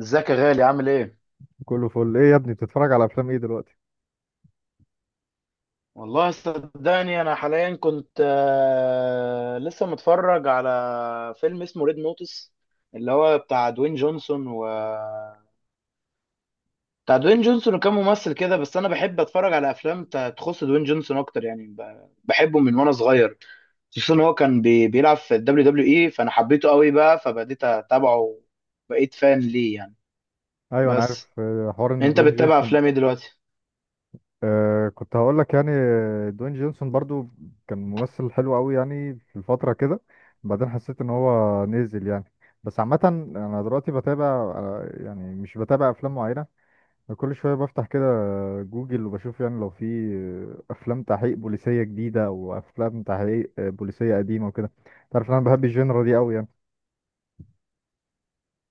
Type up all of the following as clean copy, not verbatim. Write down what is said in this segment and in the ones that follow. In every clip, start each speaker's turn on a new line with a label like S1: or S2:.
S1: ازيك يا غالي؟ عامل ايه؟
S2: كله فل ايه يا ابني؟ بتتفرج على افلام ايه دلوقتي؟
S1: والله صدقني انا حاليا كنت لسه متفرج على فيلم اسمه ريد نوتس اللي هو بتاع دوين جونسون و بتاع دوين جونسون وكام ممثل كده. بس انا بحب اتفرج على افلام تخص دوين جونسون اكتر، يعني بحبه من وانا صغير، خصوصا ان هو كان بيلعب في الدبليو دبليو اي، فانا حبيته قوي بقى فبديت اتابعه، بقيت فان ليه يعني.
S2: ايوه انا
S1: بس
S2: عارف حوار ان
S1: انت
S2: دوين
S1: بتتابع
S2: جونسون.
S1: افلام ايه دلوقتي؟
S2: كنت هقول لك، دوين جونسون برضو كان ممثل حلو قوي يعني في الفتره كده. بعدين حسيت ان هو نزل يعني، بس عامه انا دلوقتي بتابع. يعني مش بتابع افلام معينه، كل شويه بفتح كده جوجل وبشوف يعني لو في افلام تحقيق بوليسيه جديده او افلام تحقيق بوليسيه قديمه وكده. تعرف إن انا بحب الجينرا دي قوي يعني.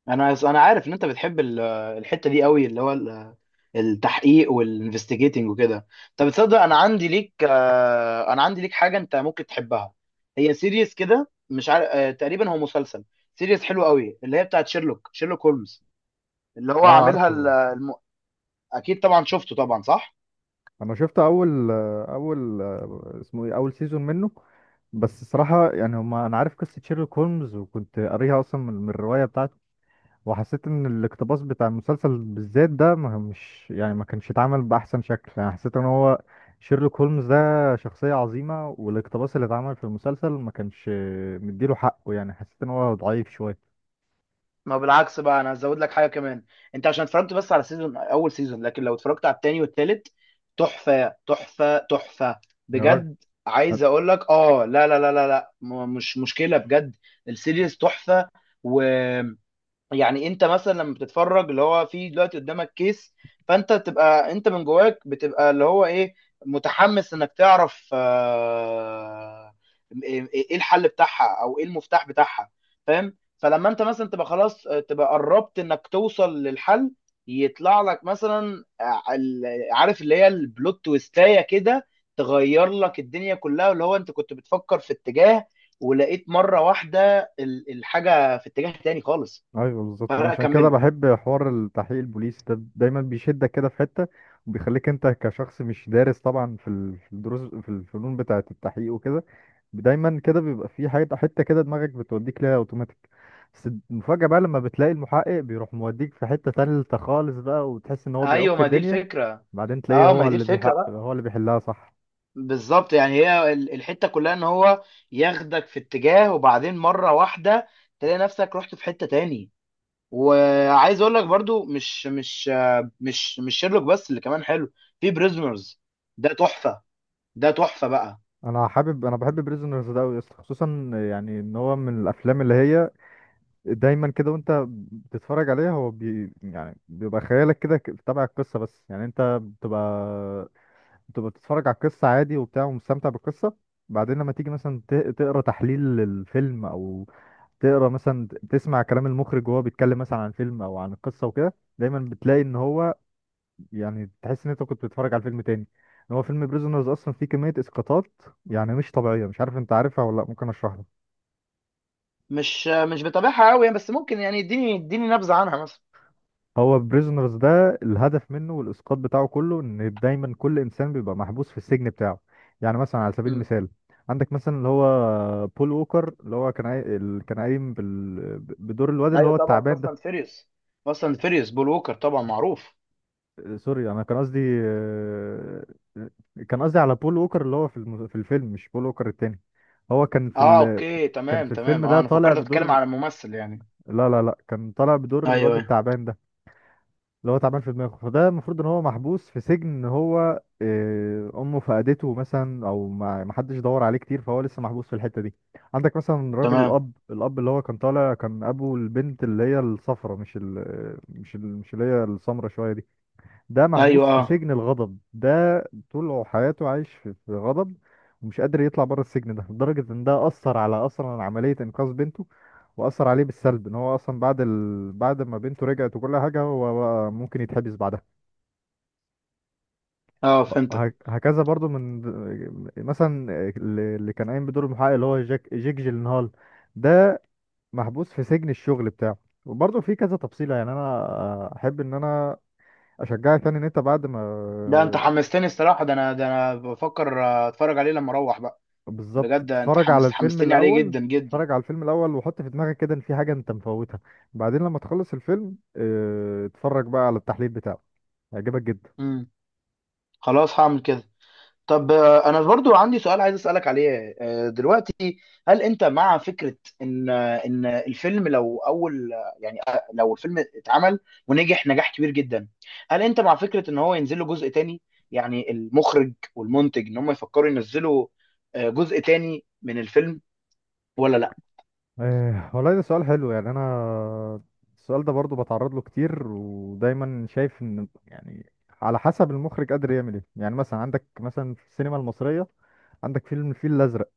S1: انا عارف ان انت بتحب الحتة دي قوي، اللي هو التحقيق والانفستيجيتنج وكده. طب تصدق انا عندي ليك انا عندي ليك حاجه انت ممكن تحبها. هي سيريز كده، مش عارف، تقريبا هو مسلسل. سيريز حلو قوي اللي هي بتاعت شيرلوك هولمز، اللي هو
S2: اه
S1: عاملها
S2: عارفه.
S1: اكيد طبعا شفته طبعا، صح.
S2: انا شفت اول اول اسمه ايه اول سيزون منه. بس الصراحه يعني هما انا عارف قصه شيرلوك هولمز، وكنت قاريها اصلا من الروايه بتاعته، وحسيت ان الاقتباس بتاع المسلسل بالذات ده ما مش يعني ما كانش اتعمل باحسن شكل. يعني حسيت ان هو شيرلوك هولمز ده شخصيه عظيمه، والاقتباس اللي اتعمل في المسلسل ما كانش مديله حقه. يعني حسيت ان هو ضعيف شويه.
S1: ما بالعكس بقى، انا هزود لك حاجه كمان. انت عشان اتفرجت بس على سيزون، اول سيزون، لكن لو اتفرجت على التاني والتالت، تحفه تحفه تحفه
S2: يا راجل،
S1: بجد. عايز اقول لك، اه لا لا لا لا لا، مش مشكله بجد. السيريز تحفه. و يعني انت مثلا لما بتتفرج، اللي هو في دلوقتي قدامك كيس، فانت تبقى انت من جواك بتبقى اللي هو ايه، متحمس انك تعرف، ايه إيه الحل بتاعها او ايه المفتاح بتاعها، فاهم؟ فلما انت مثلا تبقى خلاص، تبقى قربت انك توصل للحل، يطلع لك مثلا، عارف اللي هي البلوت تويستاية كده، تغير لك الدنيا كلها، اللي هو انت كنت بتفكر في اتجاه ولقيت مرة واحدة الحاجة في اتجاه تاني خالص.
S2: ايوه بالظبط. وانا
S1: فرق
S2: عشان كده
S1: اكمله.
S2: بحب حوار التحقيق البوليسي ده، دايما بيشدك كده في حته، وبيخليك انت كشخص مش دارس طبعا في الدروس في الفنون بتاعه التحقيق وكده. دايما كده بيبقى في حته حته كده دماغك بتوديك ليها اوتوماتيك، بس المفاجاه بقى لما بتلاقي المحقق بيروح موديك في حته تالته خالص بقى، وتحس ان هو
S1: ايوه
S2: بيعك
S1: ما دي
S2: الدنيا.
S1: الفكره.
S2: بعدين تلاقيه
S1: اه ما دي الفكره بقى،
S2: هو اللي بيحلها، صح؟
S1: بالظبط. يعني هي الحته كلها ان هو ياخدك في اتجاه وبعدين مره واحده تلاقي نفسك رحت في حته تاني. وعايز اقول لك برضو، مش مش آه، مش مش شيرلوك بس اللي كمان حلو، في بريزنرز. ده تحفه، ده تحفه بقى.
S2: انا بحب بريزونرز ده أوي يا اسطى، خصوصا يعني ان هو من الافلام اللي هي دايما كده وانت بتتفرج عليها، هو بي يعني بيبقى خيالك كده تبع القصة، بس يعني انت بتبقى بتبقى بتتفرج على القصة عادي وبتاع ومستمتع بالقصة. بعدين لما تيجي مثلا تقرا تحليل للفيلم، او تقرا مثلا، تسمع كلام المخرج وهو بيتكلم مثلا عن فيلم او عن القصة وكده، دايما بتلاقي ان هو يعني تحس ان انت كنت بتتفرج على فيلم تاني. ان هو فيلم بريزونرز اصلا فيه كمية اسقاطات يعني مش طبيعية. مش عارف انت عارفها ولا لا، ممكن اشرح لك.
S1: مش بتابعها قوي، بس ممكن يعني اديني نبذه عنها مثلا.
S2: هو بريزونرز ده الهدف منه والاسقاط بتاعه كله ان دايما كل انسان بيبقى محبوس في السجن بتاعه. يعني مثلا، على سبيل
S1: امم.
S2: المثال، عندك مثلا اللي هو بول ووكر اللي هو كان قايم بدور الواد اللي
S1: ايوه
S2: هو
S1: طبعا،
S2: التعبان
S1: فاست اند
S2: ده.
S1: فيريوس، فاست اند فيريوس، بول ووكر طبعا معروف.
S2: سوري، انا كان قصدي آه، كان قصدي على بول ووكر اللي هو في الفيلم، مش بول ووكر التاني. هو كان في
S1: اه
S2: ال...
S1: اوكي،
S2: كان في
S1: تمام
S2: الفيلم
S1: تمام. اه
S2: ده
S1: انا
S2: طالع
S1: فكرت بتتكلم
S2: بدور،
S1: على ممثل يعني.
S2: لا لا لا، كان طالع بدور الواد
S1: ايوه ايوه.
S2: التعبان ده اللي هو تعبان في دماغه. فده المفروض ان هو محبوس في سجن ان هو، امه فقدته مثلا، او ما حدش دور عليه كتير، فهو لسه محبوس في الحتة دي. عندك مثلا راجل
S1: تمام.
S2: الاب اللي هو كان طالع، كان ابو البنت اللي هي الصفرة، مش اللي هي السمرة شوية دي. ده
S1: ايوه
S2: محبوس في
S1: اه.
S2: سجن الغضب ده، طول حياته عايش في غضب، ومش قادر يطلع بره السجن ده لدرجة ان ده أثر على أصلا عملية إنقاذ بنته، وأثر عليه بالسلب ان هو أصلا بعد ما بنته رجعت وكل حاجة، هو بقى ممكن يتحبس بعدها.
S1: اه فهمتك.
S2: هكذا برضو من، مثلا، اللي كان قايم بدور المحقق اللي هو جيك جيلنهال ده، محبوس في سجن الشغل بتاعه. وبرضه في كذا تفصيلة. يعني أنا أحب إن أنا أشجعك، يعني إن أنت بعد ما،
S1: ده انت حمستني الصراحه، ده انا، ده انا بفكر اتفرج عليه لما اروح بقى.
S2: بالظبط،
S1: بجد انت
S2: اتفرج على
S1: حمست
S2: الفيلم
S1: حمستني عليه
S2: الاول.
S1: جدا جدا.
S2: اتفرج على الفيلم الاول وحط في دماغك كده ان في حاجه انت مفوتها، بعدين لما تخلص الفيلم اتفرج بقى على التحليل بتاعه، هيعجبك جدا.
S1: امم. خلاص هعمل كده. طب، انا برضو عندي سؤال عايز اسالك عليه دلوقتي. هل انت مع فكره ان الفيلم لو اول، يعني لو الفيلم اتعمل ونجح نجاح كبير جدا، هل انت مع فكره ان هو ينزل له جزء تاني؟ يعني المخرج والمنتج ان هم يفكروا ينزلوا جزء تاني من الفيلم، ولا لا؟
S2: اه، والله ده سؤال حلو. يعني انا السؤال ده برضو بتعرض له كتير، ودايما شايف ان يعني على حسب المخرج قادر يعمل ايه. يعني مثلا عندك مثلا في السينما المصريه، عندك فيلم الفيل الازرق.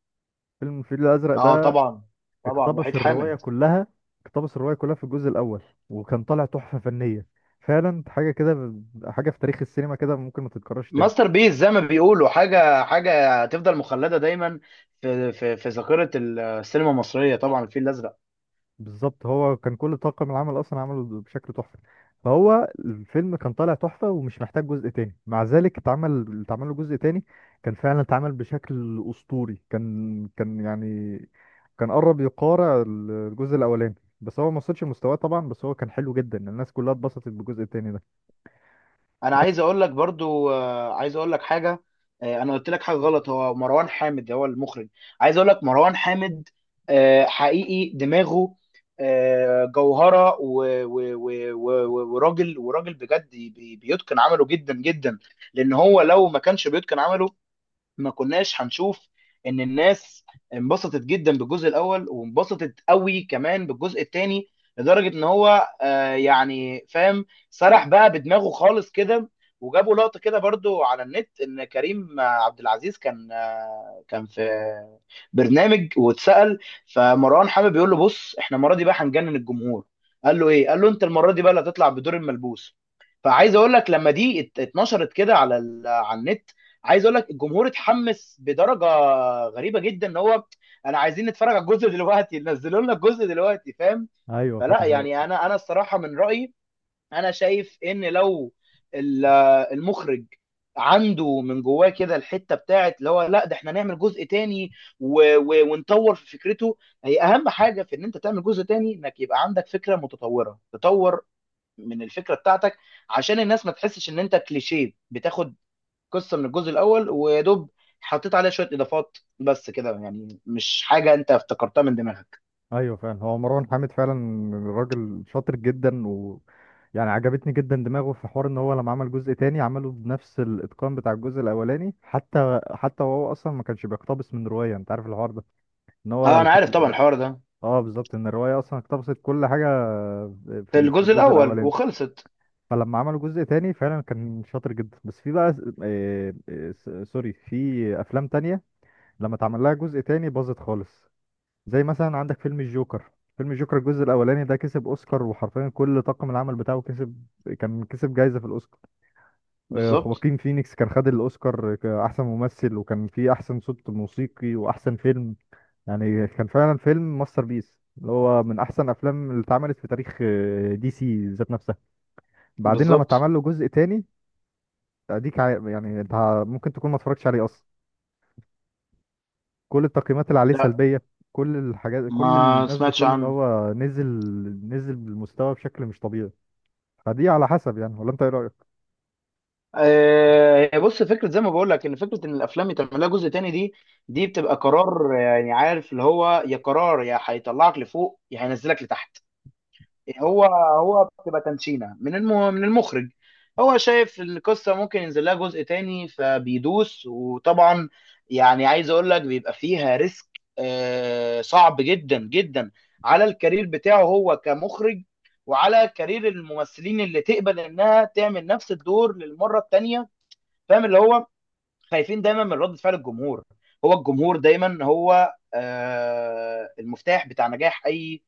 S2: فيلم الفيل الازرق
S1: اه
S2: ده
S1: طبعا. طبعا
S2: اقتبس
S1: وحيد
S2: الرواية
S1: حامد.
S2: كلها اقتبس الرواية كلها في الجزء الأول، وكان طالع تحفة فنية، فعلا حاجة كده، حاجة في تاريخ السينما كده ممكن ما تتكررش تاني.
S1: ماستر بيس زي ما بيقولوا، حاجه حاجه تفضل مخلده دايما في في ذاكره السينما المصريه طبعا، الفيل الازرق.
S2: بالظبط، هو كان كل طاقم العمل أصلا عمله بشكل تحفة، فهو الفيلم كان طالع تحفة ومش محتاج جزء تاني. مع ذلك اتعمل له جزء تاني، كان فعلا اتعمل بشكل أسطوري. كان قرب يقارع الجزء الأولاني، بس هو ما وصلش لمستواه طبعا، بس هو كان حلو جدا، الناس كلها اتبسطت بالجزء التاني ده.
S1: انا
S2: بس
S1: عايز اقول لك برضو، عايز اقول لك حاجه. انا قلت لك حاجه غلط، هو مروان حامد هو المخرج. عايز اقول لك مروان حامد حقيقي دماغه جوهره، وراجل، وراجل بجد بيتقن عمله جدا جدا. لان هو لو ما كانش بيتقن عمله ما كناش هنشوف ان الناس انبسطت جدا بالجزء الاول وانبسطت قوي كمان بالجزء الثاني، لدرجه ان هو آه يعني، فاهم، سرح بقى بدماغه خالص كده. وجابوا لقطه كده برضو على النت ان كريم عبد العزيز كان، آه كان في برنامج واتسال، فمروان حامد بيقول له: بص احنا المره دي بقى هنجنن الجمهور. قال له ايه؟ قال له: انت المره دي بقى اللي هتطلع بدور الملبوس. فعايز اقول لك لما دي اتنشرت كده على على النت، عايز اقول لك الجمهور اتحمس بدرجه غريبه جدا، ان هو انا عايزين نتفرج على الجزء دلوقتي، نزلوا لنا الجزء دلوقتي، فاهم؟
S2: ايوه
S1: فلا
S2: فعلا هو
S1: يعني، انا انا الصراحه من رايي، انا شايف ان لو ال- المخرج عنده من جواه كده الحته بتاعت اللي هو لا ده احنا نعمل جزء تاني ونطور في فكرته. هي اهم حاجه في ان انت تعمل جزء تاني انك يبقى عندك فكره متطوره، تطور من الفكره بتاعتك، عشان الناس ما تحسش ان انت كليشيه، بتاخد قصه من الجزء الاول ويا دوب حطيت عليها شويه اضافات بس كده، يعني مش حاجه انت افتكرتها من دماغك.
S2: ايوه فعلا، هو مروان حامد فعلا راجل شاطر جدا، و يعني عجبتني جدا دماغه في حوار ان هو لما عمل جزء تاني عمله بنفس الاتقان بتاع الجزء الاولاني، حتى وهو اصلا ما كانش بيقتبس من روايه. انت عارف الحوار ده ان هو
S1: اه انا عارف طبعا الحوار ده.
S2: اه بالظبط، ان الروايه اصلا اقتبست كل حاجه
S1: في
S2: في
S1: الجزء
S2: الجزء
S1: الاول
S2: الاولاني.
S1: وخلصت.
S2: فلما عملوا جزء تاني فعلا كان شاطر جدا. بس في بقى، سوري، في افلام تانية لما اتعمل لها جزء تاني باظت خالص، زي مثلا عندك فيلم الجوكر. فيلم الجوكر الجزء الاولاني ده كسب اوسكار، وحرفيا كل طاقم العمل بتاعه كسب، كان كسب جايزه في الاوسكار.
S1: بالظبط.
S2: خواكين فينيكس كان خد الاوسكار كاحسن ممثل، وكان فيه احسن صوت موسيقي واحسن فيلم. يعني كان فعلا فيلم ماستر بيس، اللي هو من احسن افلام اللي اتعملت في تاريخ دي سي ذات نفسها. بعدين لما
S1: بالظبط.
S2: اتعمل له جزء تاني، اديك عا- يعني انت ممكن تكون ما اتفرجتش عليه اصلا، كل التقييمات اللي عليه
S1: لا،
S2: سلبية، كل
S1: ما
S2: الناس
S1: سمعتش
S2: بتقول ان
S1: عنه.
S2: هو نزل، نزل بالمستوى بشكل مش طبيعي. فدي على حسب يعني، ولا انت ايه رأيك؟
S1: آه بص، فكره زي ما بقول لك، ان فكره ان الافلام يتعمل لها جزء تاني دي، دي بتبقى قرار. يعني عارف اللي هو، يا قرار يا هيطلعك لفوق يا هينزلك لتحت. هو هو بتبقى تنشينه من من المخرج، هو شايف ان القصه ممكن ينزل لها جزء تاني فبيدوس. وطبعا يعني عايز اقول لك بيبقى فيها ريسك، آه صعب جدا جدا على الكارير بتاعه هو كمخرج، وعلى كارير الممثلين اللي تقبل انها تعمل نفس الدور للمره التانيه. فاهم اللي هو خايفين دايما من رد فعل الجمهور. هو الجمهور دايما هو المفتاح بتاع نجاح اي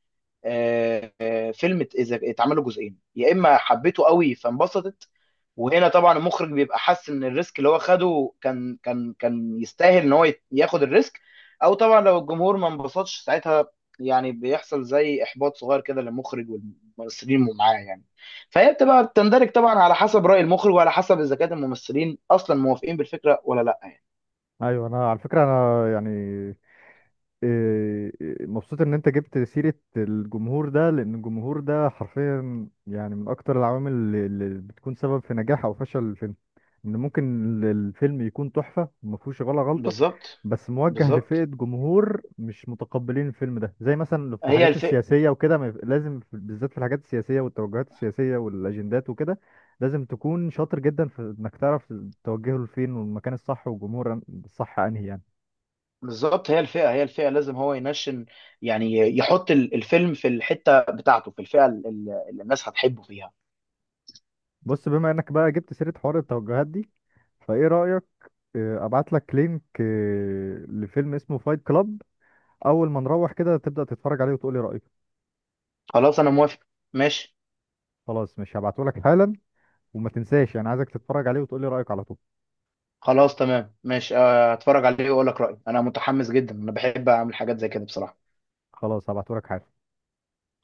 S1: فيلم. اذا اتعمل له جزئين، يا اما حبيته قوي فانبسطت، وهنا طبعا المخرج بيبقى حاسس ان الريسك اللي هو خده كان، كان يستاهل ان هو ياخد الريسك. او طبعا لو الجمهور ما انبسطش، ساعتها يعني بيحصل زي احباط صغير كده للمخرج والممثلين اللي معاه يعني. فهي بتبقى بتندرج طبعا على حسب رأي المخرج، وعلى حسب اذا كان الممثلين اصلا موافقين بالفكره ولا لا يعني.
S2: ايوه، انا على فكرة انا يعني إيه، إيه، مبسوط ان انت جبت سيرة الجمهور ده، لان الجمهور ده حرفيا يعني من اكتر العوامل اللي بتكون سبب في نجاح او فشل الفيلم. ان ممكن الفيلم يكون تحفة وما فيهوش ولا غلطة،
S1: بالظبط.
S2: بس موجه لفئة
S1: بالظبط
S2: جمهور مش متقبلين الفيلم ده، زي مثلا في
S1: هي
S2: الحاجات
S1: الفئه.
S2: السياسية وكده. ما يف- لازم في- بالذات في الحاجات السياسية والتوجهات السياسية والاجندات وكده، لازم تكون شاطر جدا في انك تعرف توجهه لفين، والمكان الصح والجمهور الصح انهي يعني.
S1: بالظبط هي الفئه، هي الفئه لازم هو ينشن، يعني يحط الفيلم في الحته بتاعته، في الفئه اللي الناس هتحبه فيها.
S2: بص، بما انك بقى جبت سيرة حوار التوجهات دي، فايه رأيك، ابعت لك لينك لفيلم اسمه فايت كلاب، اول ما نروح كده تبدأ تتفرج عليه وتقولي رأيك.
S1: خلاص انا موافق، ماشي.
S2: خلاص، مش هبعته لك حالا، وما تنساش، يعني عايزك تتفرج عليه وتقولي رأيك على طول.
S1: خلاص تمام ماشي، هتفرج عليه واقول لك رأيي. انا متحمس جدا، انا بحب اعمل حاجات زي كده بصراحه.
S2: خلاص هبعته لك حالا.